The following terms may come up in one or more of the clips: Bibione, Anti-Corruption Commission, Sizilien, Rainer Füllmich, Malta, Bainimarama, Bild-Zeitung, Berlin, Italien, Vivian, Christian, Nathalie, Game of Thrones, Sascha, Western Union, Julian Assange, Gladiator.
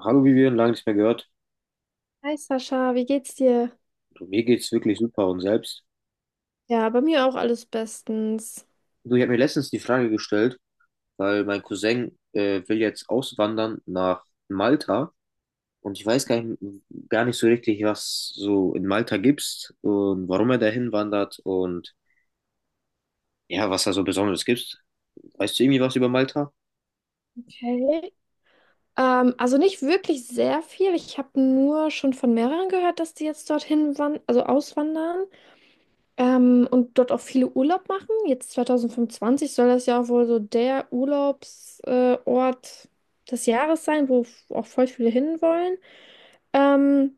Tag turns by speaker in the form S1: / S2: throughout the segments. S1: Hallo Vivian, lange nicht mehr gehört.
S2: Hi Sascha, wie geht's dir?
S1: Du, mir geht's wirklich super und selbst.
S2: Ja, bei mir auch alles bestens.
S1: Du, ich habe mir letztens die Frage gestellt, weil mein Cousin will jetzt auswandern nach Malta, und ich weiß gar nicht so richtig, was so in Malta gibt's und warum er dahin wandert und ja, was da so Besonderes gibt. Weißt du irgendwie was über Malta?
S2: Okay. Also nicht wirklich sehr viel. Ich habe nur schon von mehreren gehört, dass die jetzt dorthin wan also auswandern und dort auch viele Urlaub machen. Jetzt 2025 soll das ja auch wohl so der Urlaubsort Ort des Jahres sein, wo auch voll viele hinwollen. Ähm,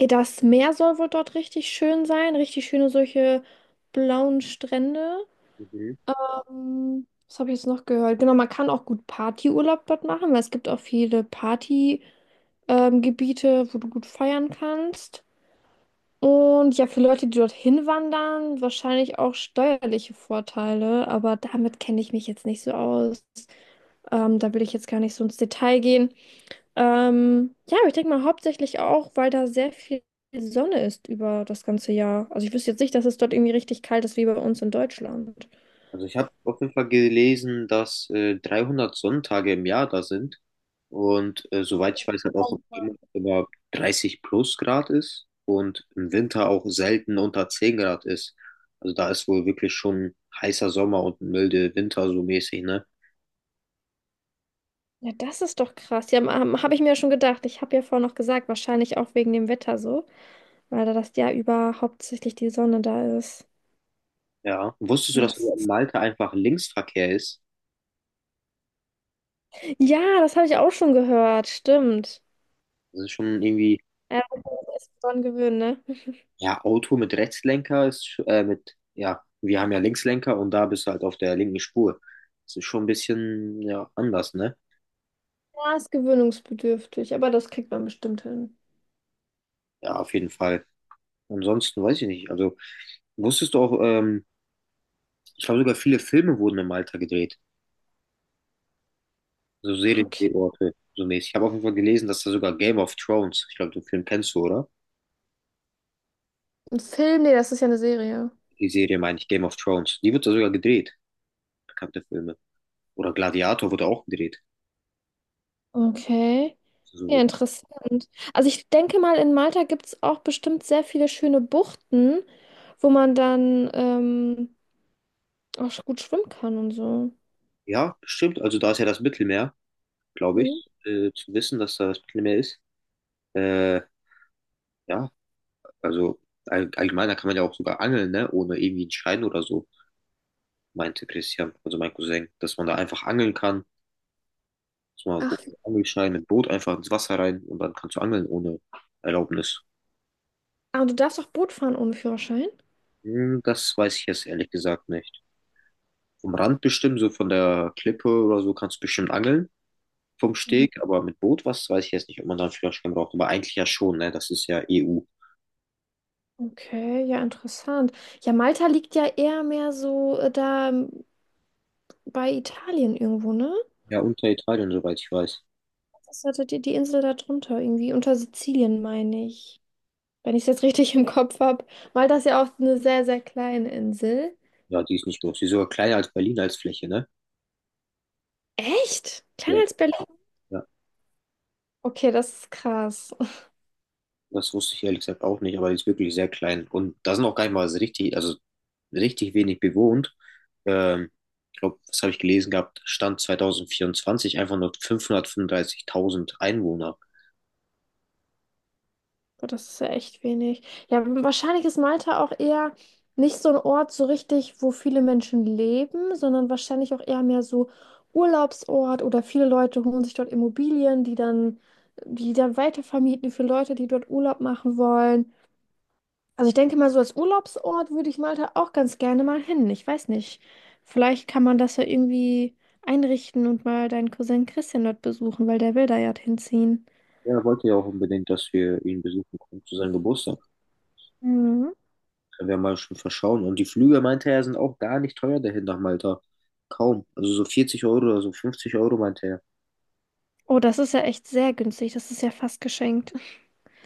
S2: ja, das Meer soll wohl dort richtig schön sein, richtig schöne solche blauen Strände. Was habe ich jetzt noch gehört? Genau, man kann auch gut Partyurlaub dort machen, weil es gibt auch viele Partygebiete, Gebiete, wo du gut feiern kannst. Und ja, für Leute, die dorthin wandern, wahrscheinlich auch steuerliche Vorteile, aber damit kenne ich mich jetzt nicht so aus. Da will ich jetzt gar nicht so ins Detail gehen. Ja, aber ich denke mal hauptsächlich auch, weil da sehr viel Sonne ist über das ganze Jahr. Also ich wüsste jetzt nicht, dass es dort irgendwie richtig kalt ist wie bei uns in Deutschland.
S1: Also ich habe auf jeden Fall gelesen, dass 300 Sonntage im Jahr da sind und soweit ich weiß, halt auch immer 30 plus Grad ist und im Winter auch selten unter 10 Grad ist. Also da ist wohl wirklich schon heißer Sommer und milde Winter so mäßig, ne?
S2: Ja, das ist doch krass. Ja, habe ich mir ja schon gedacht. Ich habe ja vorhin noch gesagt, wahrscheinlich auch wegen dem Wetter so, weil da das Jahr über hauptsächlich die Sonne da ist.
S1: Ja. Wusstest du,
S2: Ja,
S1: dass
S2: das,
S1: in Malta einfach Linksverkehr ist?
S2: ja, das habe ich auch schon gehört. Stimmt.
S1: Das ist schon irgendwie,
S2: Ja, das ist dran gewöhnen, ne?
S1: ja, Auto mit Rechtslenker ist, mit, ja, wir haben ja Linkslenker und da bist du halt auf der linken Spur. Das ist schon ein bisschen, ja, anders, ne?
S2: Ja, ist gewöhnungsbedürftig, aber das kriegt man bestimmt hin.
S1: Ja, auf jeden Fall. Ansonsten weiß ich nicht. Also wusstest du auch, ich glaube sogar viele Filme wurden in Malta gedreht. So
S2: Okay.
S1: Seriendrehorte, so mäßig. Ich habe auf jeden Fall gelesen, dass da sogar Game of Thrones, ich glaube, den Film kennst du, oder?
S2: Ein Film? Nee, das ist ja eine Serie.
S1: Die Serie meine ich, Game of Thrones. Die wird da sogar gedreht, bekannte Filme. Oder Gladiator wurde auch gedreht.
S2: Okay. Ja,
S1: So,
S2: interessant. Also ich denke mal, in Malta gibt es auch bestimmt sehr viele schöne Buchten, wo man dann auch gut schwimmen kann und so.
S1: ja, stimmt. Also da ist ja das Mittelmeer, glaube
S2: Mhm.
S1: ich, zu wissen, dass da das Mittelmeer ist. Äh, ja, also allgemein, da kann man ja auch sogar angeln, ne? Ohne irgendwie einen Schein oder so. Meinte Christian, also mein Cousin, dass man da einfach angeln kann, dass man
S2: Ach,
S1: ohne Angelschein mit Boot einfach ins Wasser rein und dann kannst du angeln ohne Erlaubnis.
S2: ah, du darfst auch Boot fahren ohne Führerschein?
S1: Hm, das weiß ich jetzt ehrlich gesagt nicht. Vom Rand bestimmt, so von der Klippe oder so kannst du bestimmt angeln. Vom
S2: Mhm.
S1: Steg, aber mit Boot, was weiß ich jetzt nicht, ob man da einen Führerschein braucht. Aber eigentlich ja schon, ne? Das ist ja EU.
S2: Okay, ja, interessant. Ja, Malta liegt ja eher mehr so da bei Italien irgendwo, ne?
S1: Ja, unter Italien, soweit ich weiß.
S2: Das hatte die, die Insel da drunter irgendwie, unter Sizilien, meine ich. Wenn ich es jetzt richtig im Kopf habe. Malta ist ja auch eine sehr, sehr kleine Insel.
S1: Ja, die ist nicht groß. Die ist sogar kleiner als Berlin als Fläche, ne?
S2: Echt?
S1: Ja,
S2: Kleiner als Berlin?
S1: ja.
S2: Okay, das ist krass.
S1: Das wusste ich ehrlich gesagt auch nicht, aber die ist wirklich sehr klein. Und da sind auch gar nicht mal so richtig, also richtig wenig bewohnt. Ähm, ich glaube, was habe ich gelesen gehabt? Stand 2024 einfach nur 535.000 Einwohner.
S2: Boah, das ist ja echt wenig. Ja, wahrscheinlich ist Malta auch eher nicht so ein Ort so richtig, wo viele Menschen leben, sondern wahrscheinlich auch eher mehr so Urlaubsort oder viele Leute holen sich dort Immobilien, die dann weitervermieten für Leute, die dort Urlaub machen wollen. Also ich denke mal, so als Urlaubsort würde ich Malta auch ganz gerne mal hin. Ich weiß nicht. Vielleicht kann man das ja irgendwie einrichten und mal deinen Cousin Christian dort besuchen, weil der will da ja hinziehen.
S1: Ja, er wollte ja auch unbedingt, dass wir ihn besuchen kommen zu seinem Geburtstag.
S2: Mhm.
S1: Können wir mal schon verschauen. Und die Flüge, meinte er, sind auch gar nicht teuer dahin nach Malta. Kaum. Also so 40 Euro oder so 50 Euro, meinte er.
S2: Oh, das ist ja echt sehr günstig. Das ist ja fast geschenkt.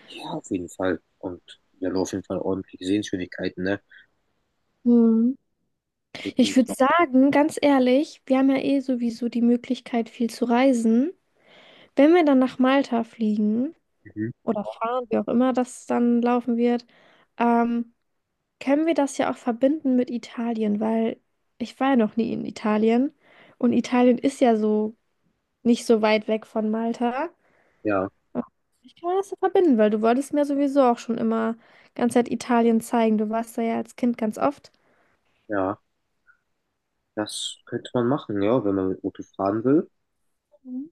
S1: Ja, auf jeden Fall. Und wir haben auf jeden Fall ordentliche Sehenswürdigkeiten, ne?
S2: Mhm.
S1: So,
S2: Ich würde sagen, ganz ehrlich, wir haben ja eh sowieso die Möglichkeit, viel zu reisen. Wenn wir dann nach Malta fliegen
S1: mhm.
S2: oder fahren, wie auch immer das dann laufen wird, ähm, können wir das ja auch verbinden mit Italien, weil ich war ja noch nie in Italien und Italien ist ja so nicht so weit weg von Malta.
S1: Ja,
S2: Ich kann das ja verbinden, weil du wolltest mir sowieso auch schon immer ganz Zeit Italien zeigen. Du warst da ja als Kind ganz oft.
S1: ja. Das könnte man machen, ja, wenn man mit Auto fahren will.
S2: Mhm.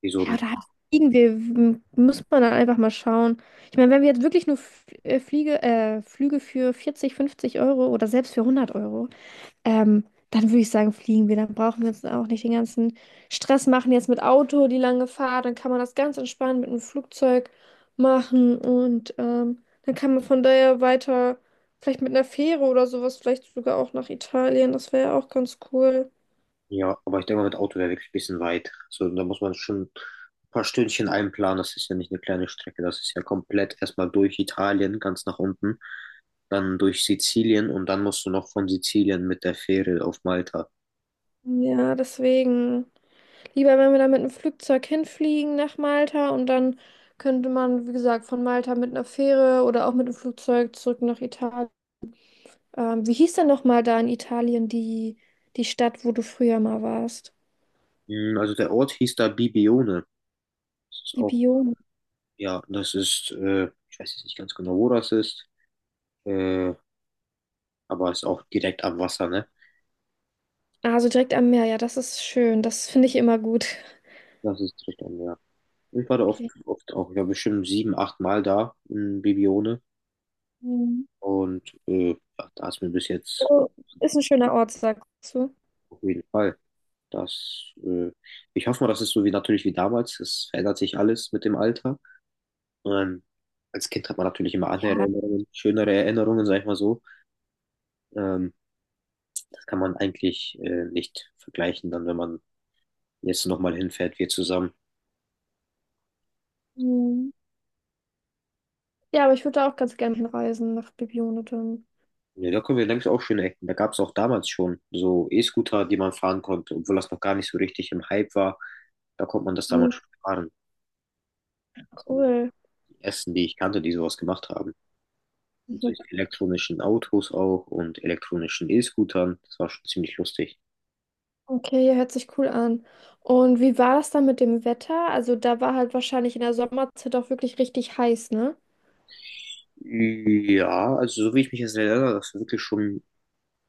S1: Wieso
S2: Ja,
S1: denn?
S2: oder halt fliegen wir, muss man dann einfach mal schauen. Ich meine, wenn wir jetzt wirklich nur Flüge für 40, 50 Euro oder selbst für 100 Euro, ähm, dann würde ich sagen, fliegen wir. Dann brauchen wir uns auch nicht den ganzen Stress machen jetzt mit Auto, die lange Fahrt. Dann kann man das ganz entspannt mit einem Flugzeug machen und dann kann man von daher weiter, vielleicht mit einer Fähre oder sowas, vielleicht sogar auch nach Italien. Das wäre ja auch ganz cool.
S1: Ja, aber ich denke mal, mit Auto wäre wirklich ein bisschen weit. So, da muss man schon ein paar Stündchen einplanen. Das ist ja nicht eine kleine Strecke. Das ist ja komplett erstmal durch Italien, ganz nach unten, dann durch Sizilien und dann musst du noch von Sizilien mit der Fähre auf Malta.
S2: Ja, deswegen. Lieber, wenn wir da mit einem Flugzeug hinfliegen nach Malta und dann könnte man, wie gesagt, von Malta mit einer Fähre oder auch mit dem Flugzeug zurück nach Italien. Wie hieß denn nochmal da in Italien die, die Stadt, wo du früher mal warst?
S1: Hm, also der Ort hieß da Bibione. Das ist auch,
S2: Bibione.
S1: ja, das ist, ich weiß jetzt nicht ganz genau, wo das ist, äh, aber ist auch direkt am Wasser, ne?
S2: Also direkt am Meer, ja, das ist schön. Das finde ich immer gut.
S1: Das ist direkt am Meer. Ich war da oft,
S2: Okay.
S1: oft auch, ich war bestimmt 7, 8 Mal da in Bibione.
S2: Mhm.
S1: Und ja, da ist mir bis jetzt
S2: Also, ist ein schöner Ort, sagst du.
S1: auf jeden Fall. Das, ich hoffe mal, das ist so wie natürlich wie damals. Es verändert sich alles mit dem Alter. Ähm, als Kind hat man natürlich immer andere
S2: Ja.
S1: Erinnerungen, schönere Erinnerungen, sag ich mal so. Ähm, das kann man eigentlich nicht vergleichen, dann wenn man jetzt nochmal hinfährt, wir zusammen.
S2: Mhm. Ja, aber ich würde da auch ganz gerne hinreisen nach Bibione dann.
S1: Ja, da können wir, denke ich, auch schöne Ecken. Da gab es auch damals schon so E-Scooter, die man fahren konnte, obwohl das noch gar nicht so richtig im Hype war. Da konnte man das
S2: Mhm,
S1: damals schon fahren. Das waren so
S2: cool.
S1: die ersten, die ich kannte, die sowas gemacht haben. Mit solchen elektronischen Autos auch und elektronischen E-Scootern. Das war schon ziemlich lustig.
S2: Okay, ja, hört sich cool an. Und wie war das dann mit dem Wetter? Also da war halt wahrscheinlich in der Sommerzeit auch wirklich richtig heiß, ne?
S1: Ja, also so wie ich mich jetzt erinnere, das ist wirklich schon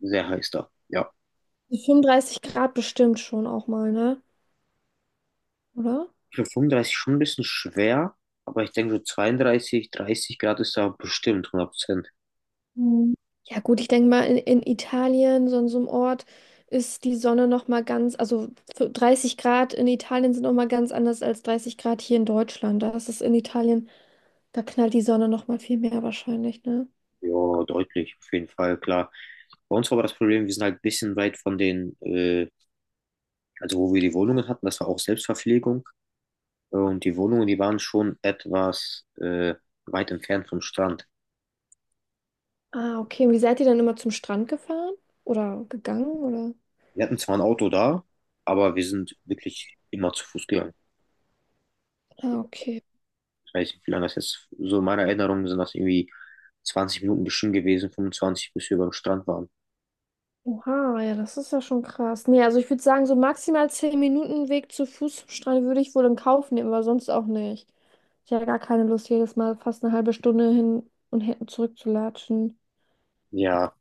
S1: sehr heiß da. Ja.
S2: Die 35 Grad bestimmt schon auch mal, ne? Oder?
S1: Ich finde 35 schon ein bisschen schwer, aber ich denke so 32, 30 Grad ist da bestimmt 100.
S2: Mhm. Ja gut, ich denke mal, in Italien, so in so einem Ort, ist die Sonne noch mal ganz, also für 30 Grad in Italien sind noch mal ganz anders als 30 Grad hier in Deutschland. Da ist es in Italien, da knallt die Sonne noch mal viel mehr wahrscheinlich, ne?
S1: Ja, deutlich, auf jeden Fall, klar. Bei uns war aber das Problem, wir sind halt ein bisschen weit von den, also wo wir die Wohnungen hatten, das war auch Selbstverpflegung. Und die Wohnungen, die waren schon etwas weit entfernt vom Strand.
S2: Ah, okay. Und wie seid ihr dann immer zum Strand gefahren? Oder gegangen? Oder?
S1: Wir hatten zwar ein Auto da, aber wir sind wirklich immer zu Fuß gegangen.
S2: Ah, okay.
S1: Ich weiß nicht, wie lange das jetzt, so in meiner Erinnerung sind das irgendwie 20 Minuten bestimmt gewesen, 25, bis wir beim Strand waren.
S2: Oha, ja, das ist ja schon krass. Nee, also ich würde sagen, so maximal 10 Minuten Weg zu Fuß zum Strand würde ich wohl in Kauf nehmen, aber sonst auch nicht. Ich habe gar keine Lust, jedes Mal fast eine halbe Stunde hin und her zurückzulatschen.
S1: Ja,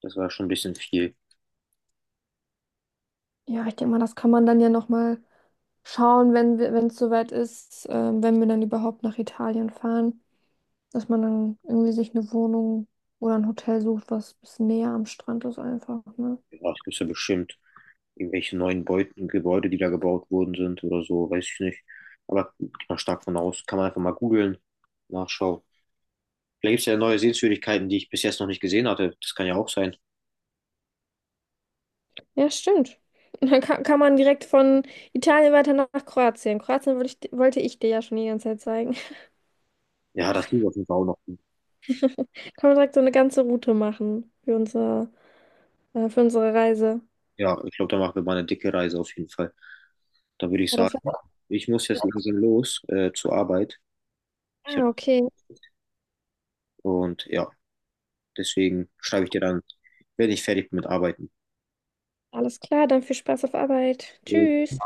S1: das war schon ein bisschen viel.
S2: Ja, ich denke mal, das kann man dann ja nochmal schauen, wenn wir, wenn es soweit ist, wenn wir dann überhaupt nach Italien fahren, dass man dann irgendwie sich eine Wohnung oder ein Hotel sucht, was ein bisschen näher am Strand ist einfach, ne?
S1: Ja, ich bin so bestimmt irgendwelche neuen Beuten, Gebäude, die da gebaut worden sind oder so, weiß ich nicht. Aber gehe mal stark von aus. Kann man einfach mal googeln, nachschauen. Vielleicht gibt es ja neue Sehenswürdigkeiten, die ich bis jetzt noch nicht gesehen hatte. Das kann ja auch sein.
S2: Ja, stimmt. Und dann kann, kann man direkt von Italien weiter nach Kroatien. Kroatien wollte ich dir ja schon die ganze Zeit zeigen.
S1: Ja, das liegt auf jeden Fall auch noch.
S2: Kann man direkt so eine ganze Route machen für für unsere Reise.
S1: Ja, ich glaube, da machen wir mal eine dicke Reise auf jeden Fall. Dann würde ich
S2: Ja, das
S1: sagen,
S2: war-
S1: ich muss jetzt langsam los zur Arbeit. Ich hab,
S2: Ah, okay.
S1: und ja, deswegen schreibe ich dir dann, wenn ich fertig bin mit Arbeiten.
S2: Alles klar, dann viel Spaß auf Arbeit. Tschüss.